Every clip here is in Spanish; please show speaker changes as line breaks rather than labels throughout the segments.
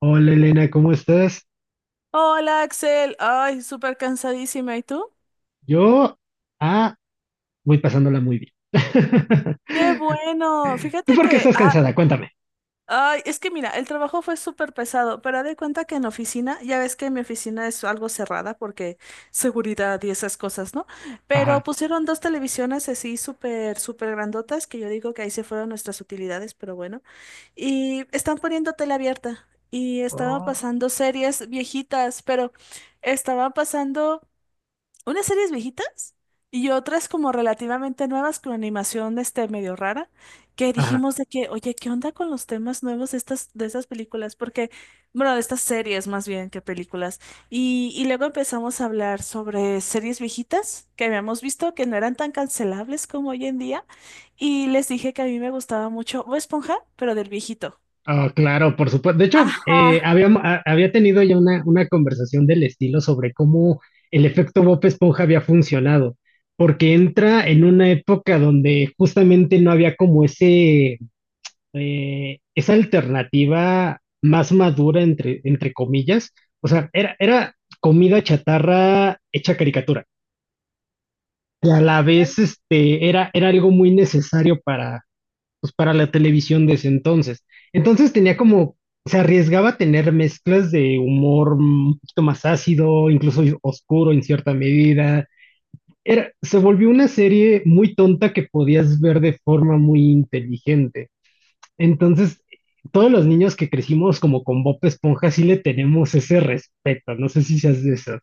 Hola Elena, ¿cómo estás?
Hola Axel, ay, súper cansadísima. ¿Y tú?
Yo, ah, voy pasándola muy bien.
Qué bueno. Fíjate
¿Tú por qué
que,
estás cansada? Cuéntame.
ay, es que mira, el trabajo fue súper pesado, pero haz de cuenta que en oficina, ya ves que mi oficina es algo cerrada porque seguridad y esas cosas, ¿no? Pero
Ajá.
pusieron dos televisiones así súper, súper grandotas, que yo digo que ahí se fueron nuestras utilidades, pero bueno. Y están poniendo tele abierta y estaba
Oh,
pasando series viejitas, pero estaba pasando unas series viejitas y otras como relativamente nuevas con animación este medio rara, que
ajá.
dijimos de que, oye, ¿qué onda con los temas nuevos de estas películas? Porque, bueno, de estas series más bien que películas. Y luego empezamos a hablar sobre series viejitas que habíamos visto que no eran tan cancelables como hoy en día. Y les dije que a mí me gustaba mucho Bob Esponja, pero del viejito.
Oh, claro, por supuesto. De hecho,
Ajá.
había tenido ya una conversación del estilo sobre cómo el efecto Bob Esponja había funcionado, porque entra en una época donde justamente no había como ese esa alternativa más madura, entre, entre comillas, o sea, era comida chatarra hecha caricatura. Y a la vez, este, era algo muy necesario para, pues, para la televisión de ese entonces. Entonces tenía como, se arriesgaba a tener mezclas de humor un poquito más ácido, incluso oscuro en cierta medida. Era, se volvió una serie muy tonta que podías ver de forma muy inteligente. Entonces, todos los niños que crecimos como con Bob Esponja sí le tenemos ese respeto. No sé si seas de esos.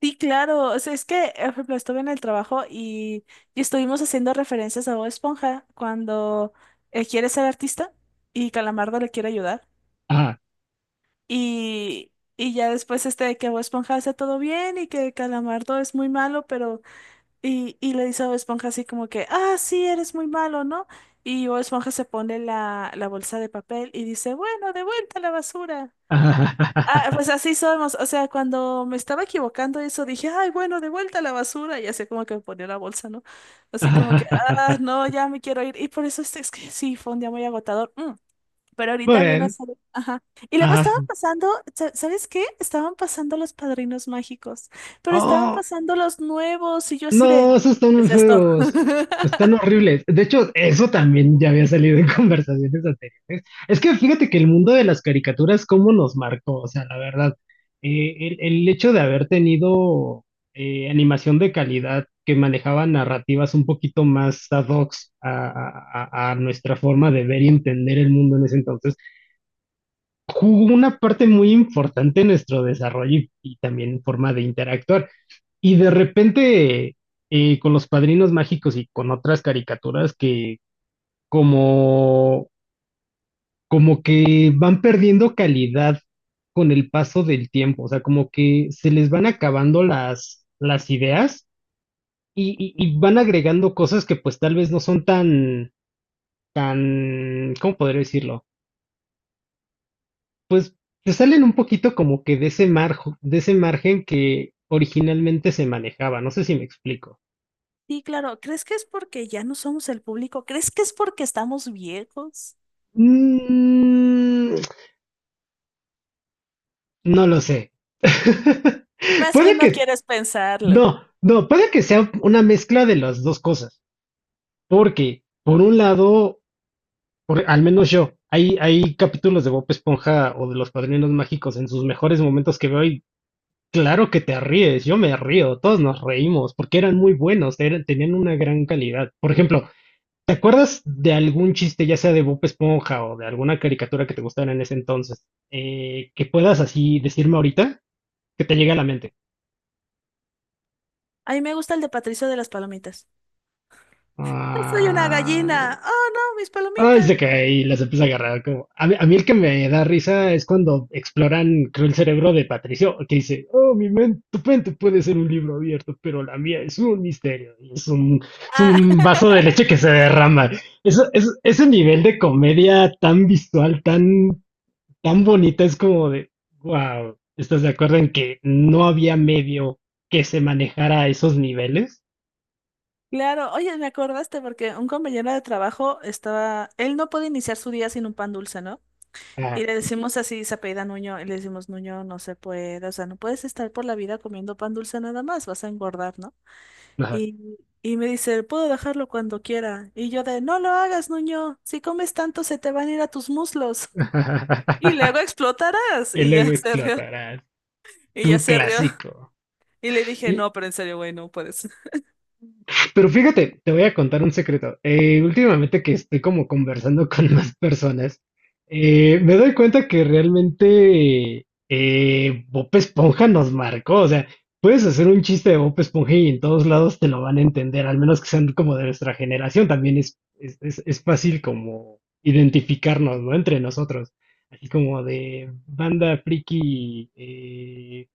Sí, claro. O sea, es que, por ejemplo, estuve en el trabajo y estuvimos haciendo referencias a Bob Esponja cuando quiere ser artista y Calamardo le quiere ayudar.
Ah,
Y, y ya después este de que Bob Esponja hace todo bien y que Calamardo es muy malo, pero... Y le dice a Bob Esponja así como que, ah, sí, eres muy malo, ¿no? Y Bob Esponja se pone la bolsa de papel y dice, bueno, de vuelta a la basura. Ah,
ah,
pues así somos. O sea, cuando me estaba equivocando eso, dije, ay, bueno, de vuelta a la basura. Y así como que me ponía la bolsa, ¿no? Así como que, ah, no, ya me quiero ir. Y por eso este, es que sí, fue un día muy agotador. Pero ahorita vi una
Bueno,
serie. Ajá. Y luego
ah,
estaban pasando, sa- ¿sabes qué? Estaban pasando los padrinos mágicos. Pero estaban
oh,
pasando los nuevos. Y yo así de,
no, esos están
¿qué
muy
es esto?
feos. Están horribles. De hecho, eso también ya había salido en conversaciones anteriores. Es que fíjate que el mundo de las caricaturas, cómo nos marcó, o sea, la verdad, el hecho de haber tenido animación de calidad que manejaba narrativas un poquito más ad hoc a nuestra forma de ver y entender el mundo en ese entonces, jugó una parte muy importante en nuestro desarrollo y también forma de interactuar. Y de repente, con los padrinos mágicos y con otras caricaturas que como, como que van perdiendo calidad con el paso del tiempo, o sea, como que se les van acabando las ideas y y van agregando cosas que pues tal vez no son tan, tan, ¿cómo podría decirlo? Pues se salen un poquito como que de ese de ese margen que originalmente se manejaba, no sé si me explico.
Sí, claro. ¿Crees que es porque ya no somos el público? ¿Crees que es porque estamos viejos?
Mm, no lo sé.
Más bien
Puede
no
que,
quieres pensarlo.
no, no, puede que sea una mezcla de las dos cosas, porque por un lado, al menos yo, hay capítulos de Bob Esponja o de Los Padrinos Mágicos en sus mejores momentos que veo y claro que te ríes, yo me río, todos nos reímos, porque eran muy buenos, tenían una gran calidad. Por ejemplo, ¿te acuerdas de algún chiste, ya sea de Bob Esponja o de alguna caricatura que te gustara en ese entonces, que puedas así decirme ahorita, que te llegue a la mente?
A mí me gusta el de Patricio de las palomitas. No soy una
Ah,
gallina. Oh, no, mis
ay,
palomitas.
se cae y las empieza a agarrar. Como, a mí el que me da risa es cuando exploran, creo, el cerebro de Patricio, que dice, oh, mi mente, tu mente puede ser un libro abierto, pero la mía es un misterio. Y es es
Ah,
un vaso de leche que se derrama. Eso, es, ese nivel de comedia tan visual, tan, tan bonita, es como de, wow, ¿estás de acuerdo en que no había medio que se manejara a esos niveles?
claro. Oye, me acordaste porque un compañero de trabajo estaba, él no puede iniciar su día sin un pan dulce, ¿no? Y
Ah,
le decimos así, se apellida Nuño, y le decimos, Nuño, no se puede, o sea, no puedes estar por la vida comiendo pan dulce nada más, vas a engordar, ¿no?
ajá.
Y me dice, puedo dejarlo cuando quiera. Y yo de, no lo hagas, Nuño, si comes tanto se te van a ir a tus muslos. Y luego explotarás.
y
Y
luego
ya se rió,
explotarás.
y ya
Un
se rió.
clásico.
Y le dije,
Y-
no, pero en serio, güey, no puedes.
pero fíjate, te voy a contar un secreto. Últimamente que estoy como conversando con más personas, me doy cuenta que realmente Bob Esponja nos marcó. O sea, puedes hacer un chiste de Bob Esponja y en todos lados te lo van a entender, al menos que sean como de nuestra generación. También es fácil como identificarnos, ¿no? Entre nosotros. Así como de banda friki,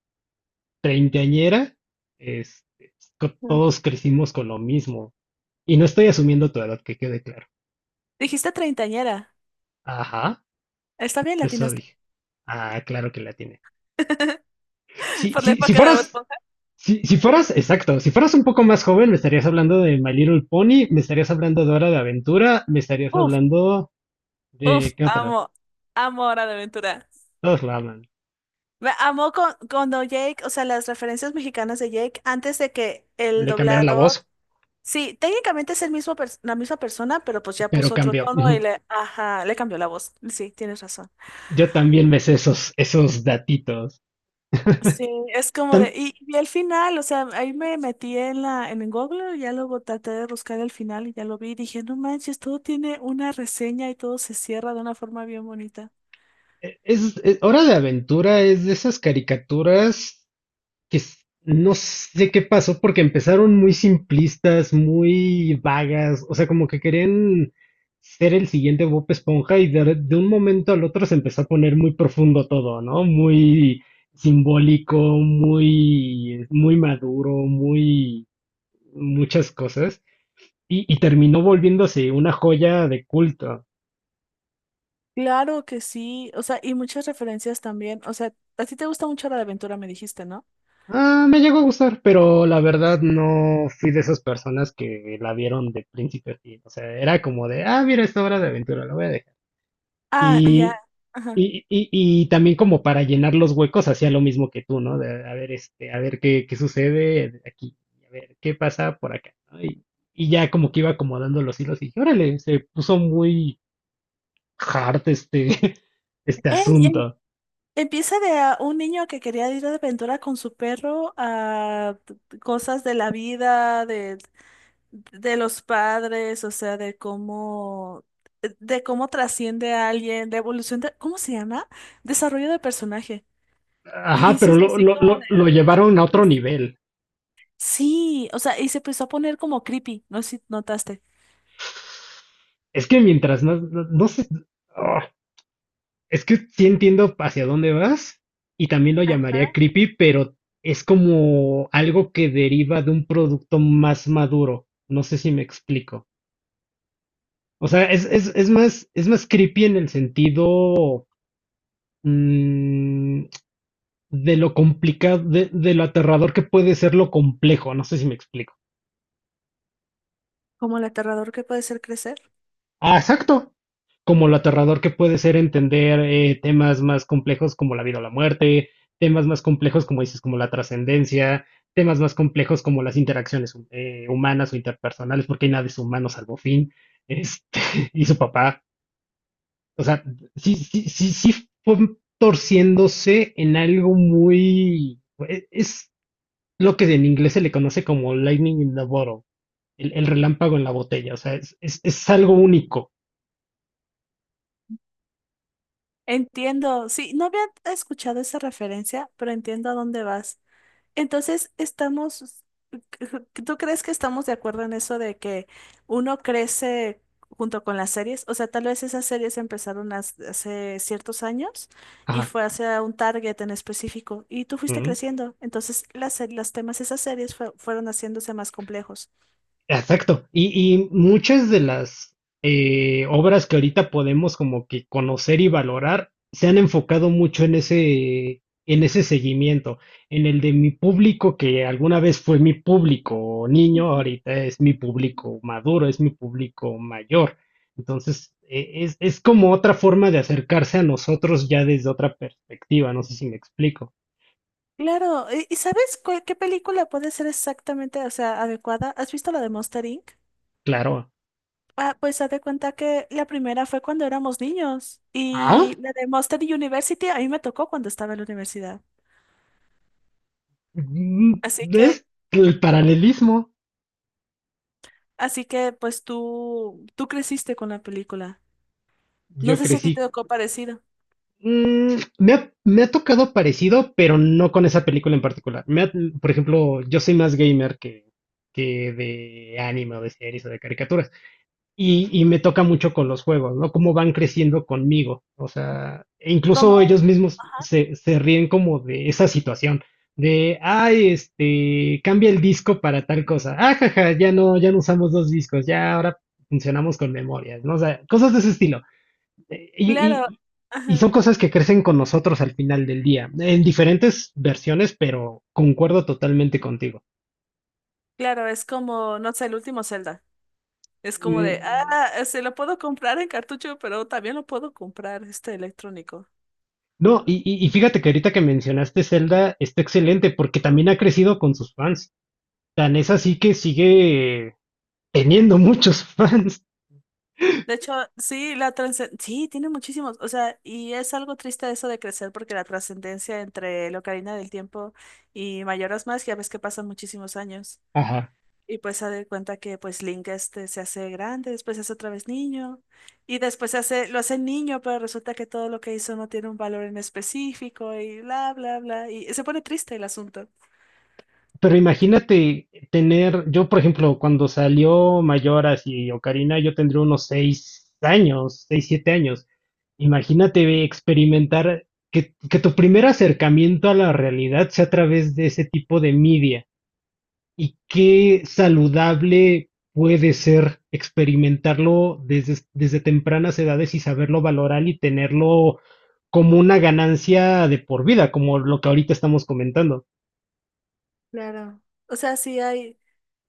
treintañera, este,
Mm.
todos crecimos con lo mismo. Y no estoy asumiendo tu edad, que quede claro.
Dijiste treintañera.
Ajá,
Está bien,
eso
latinaste.
dije. Ah, claro que la tiene.
Por la
Si
época de Bob
fueras,
Esponja.
si fueras, exacto, si fueras un poco más joven, me estarías hablando de My Little Pony, me estarías hablando de Hora de Aventura, me estarías
Uf,
hablando
uf,
de, ¿qué otra?
amo. Amo Hora de Aventura.
Todos la hablan.
Me amo con, cuando Jake, o sea, las referencias mexicanas de Jake, antes de que el
Le cambiaron la
doblador.
voz,
Sí, técnicamente es el mismo pers- la misma persona, pero pues ya
pero
puso otro
cambió.
tono y
Ujú.
le, ajá, le cambió la voz. Sí, tienes razón.
Yo también me sé esos datitos.
Sí, es como de,
Tam-
y al final, o sea, ahí me metí en la, en el Google, ya luego traté de buscar el final y ya lo vi y dije, no manches, todo tiene una reseña y todo se cierra de una forma bien bonita.
Hora de Aventura es de esas caricaturas que s- no sé qué pasó porque empezaron muy simplistas, muy vagas, o sea, como que querían ser el siguiente Bob Esponja y de, de un momento al otro se empezó a poner muy profundo todo, ¿no? Muy simbólico, muy maduro, muy muchas cosas y terminó volviéndose una joya de culto.
Claro que sí, o sea, y muchas referencias también, o sea, a ti te gusta mucho la de aventura, me dijiste, ¿no?
Ah, me llegó a gustar, pero la verdad no fui de esas personas que la vieron de principio a fin. O sea, era como de, ah, mira esta hora de aventura, la voy a dejar.
Ah, ya,
Y,
ajá.
y también como para llenar los huecos hacía lo mismo que tú, ¿no? De, a ver, este, a ver qué sucede aquí, a ver qué pasa por acá, ¿no? Y ya como que iba acomodando los hilos y dije, órale, se puso muy hard este, este
Ey,
asunto.
empieza de a un niño que quería ir de aventura con su perro a t- cosas de la vida, de los padres, o sea, de cómo trasciende a alguien, de evolución de, ¿cómo se llama? Desarrollo de personaje. Y
Ajá, pero
dices así como de,
lo
"Ay,
llevaron a otro
Dios".
nivel.
Sí, o sea, y se empezó a poner como creepy, no sé si notaste.
Es que mientras no sé, ah, es que sí entiendo hacia dónde vas y también lo
Ajá.
llamaría creepy, pero es como algo que deriva de un producto más maduro. No sé si me explico. O sea, es más creepy en el sentido mm, de lo complicado, de lo aterrador que puede ser lo complejo. No sé si me explico.
Como el aterrador que puede ser crecer.
Ah, exacto. Como lo aterrador que puede ser entender temas más complejos como la vida o la muerte, temas más complejos como dices, como la trascendencia, temas más complejos como las interacciones humanas o interpersonales, porque hay nada de humano salvo Finn este, y su papá. O sea, sí fue torciéndose en algo muy... Es lo que en inglés se le conoce como lightning in the bottle, el relámpago en la botella. O sea, es algo único.
Entiendo, sí, no había escuchado esa referencia, pero entiendo a dónde vas. Entonces, estamos, ¿tú crees que estamos de acuerdo en eso de que uno crece junto con las series? O sea, tal vez esas series empezaron has- hace ciertos años y
Ajá.
fue hacia un target en específico y tú
Uh
fuiste
-huh.
creciendo. Entonces, las, se- los temas de esas series fue- fueron haciéndose más complejos.
Exacto. Y muchas de las obras que ahorita podemos como que conocer y valorar se han enfocado mucho en ese seguimiento, en el de mi público que alguna vez fue mi público niño, ahorita es mi público maduro, es mi público mayor. Entonces, es como otra forma de acercarse a nosotros ya desde otra perspectiva, no sé si me explico.
Claro, y sabes cuál- qué película puede ser exactamente, o sea, adecuada? ¿Has visto la de Monster Inc.?
Claro.
Ah, pues haz de cuenta que la primera fue cuando éramos niños y
Ah,
la de Monster University a mí me tocó cuando estaba en la universidad.
mm,
Así que,
es el paralelismo.
así que pues tú creciste con la película. No
Yo
sé si a ti te
crecí
tocó parecido.
mm, me ha tocado parecido, pero no con esa película en particular. Por ejemplo, yo soy más gamer que de anime o de series o de caricaturas. Y me toca mucho con los juegos, ¿no? Cómo van creciendo conmigo. O sea, e incluso ellos
Como,
mismos
ajá,
se ríen como de esa situación. De, ay, este, cambia el disco para tal cosa. Ah, jaja, ya no usamos dos discos, ya ahora funcionamos con memorias, ¿no? O sea, cosas de ese estilo. Eh, Y,
claro,
y- y
ajá,
son cosas que crecen con nosotros al final del día, en diferentes versiones, pero concuerdo totalmente contigo.
claro, es como, no sé, el último Zelda. Es como de,
Mm,
ah, se lo puedo comprar en cartucho, pero también lo puedo comprar este electrónico.
no, y fíjate que ahorita que mencionaste Zelda está excelente porque también ha crecido con sus fans. Tan es así que sigue teniendo muchos fans.
De hecho, sí, la trascendencia, sí, tiene muchísimos, o sea, y es algo triste eso de crecer porque la trascendencia entre la Ocarina del Tiempo y Mayoras más ya ves que pasan muchísimos años.
Ajá.
Y pues se da cuenta que pues Link este se hace grande, después se hace otra vez niño, y después se hace, lo hace niño, pero resulta que todo lo que hizo no tiene un valor en específico y bla, bla, bla, y se pone triste el asunto.
Pero imagínate tener, yo por ejemplo, cuando salió Mayoras y Ocarina, yo tendría unos 6 años, seis, 7 años. Imagínate experimentar que tu primer acercamiento a la realidad sea a través de ese tipo de media. Y qué saludable puede ser experimentarlo desde, desde tempranas edades y saberlo valorar y tenerlo como una ganancia de por vida, como lo que ahorita estamos comentando.
Claro. O sea, sí hay.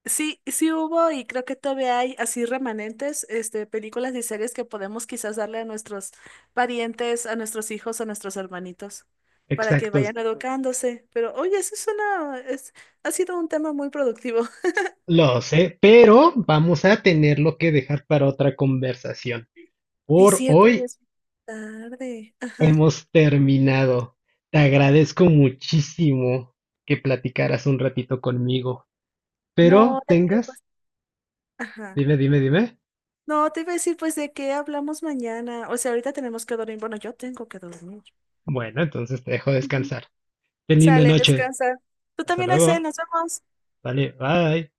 Sí, sí hubo y creo que todavía hay así remanentes, este, películas y series que podemos quizás darle a nuestros parientes, a nuestros hijos, a nuestros hermanitos, para que
Exacto,
vayan educándose. Pero oye, eso es una, es, ha sido un tema muy productivo.
lo sé, pero vamos a tenerlo que dejar para otra conversación.
Sí, es
Por
cierto, y
hoy
es tarde. Ajá.
hemos terminado. Te agradezco muchísimo que platicaras un ratito conmigo,
No,
pero
de qué
tengas,
pues, ajá.
dime, dime, dime.
No, te iba a decir, pues, ¿de qué hablamos mañana? O sea, ahorita tenemos que dormir. Bueno, yo tengo que dormir.
Bueno, entonces te dejo
Ujú.
descansar. Ten linda
Sale,
noche.
descansa. Tú
Hasta
también, Axel,
luego.
nos vemos.
Vale, bye.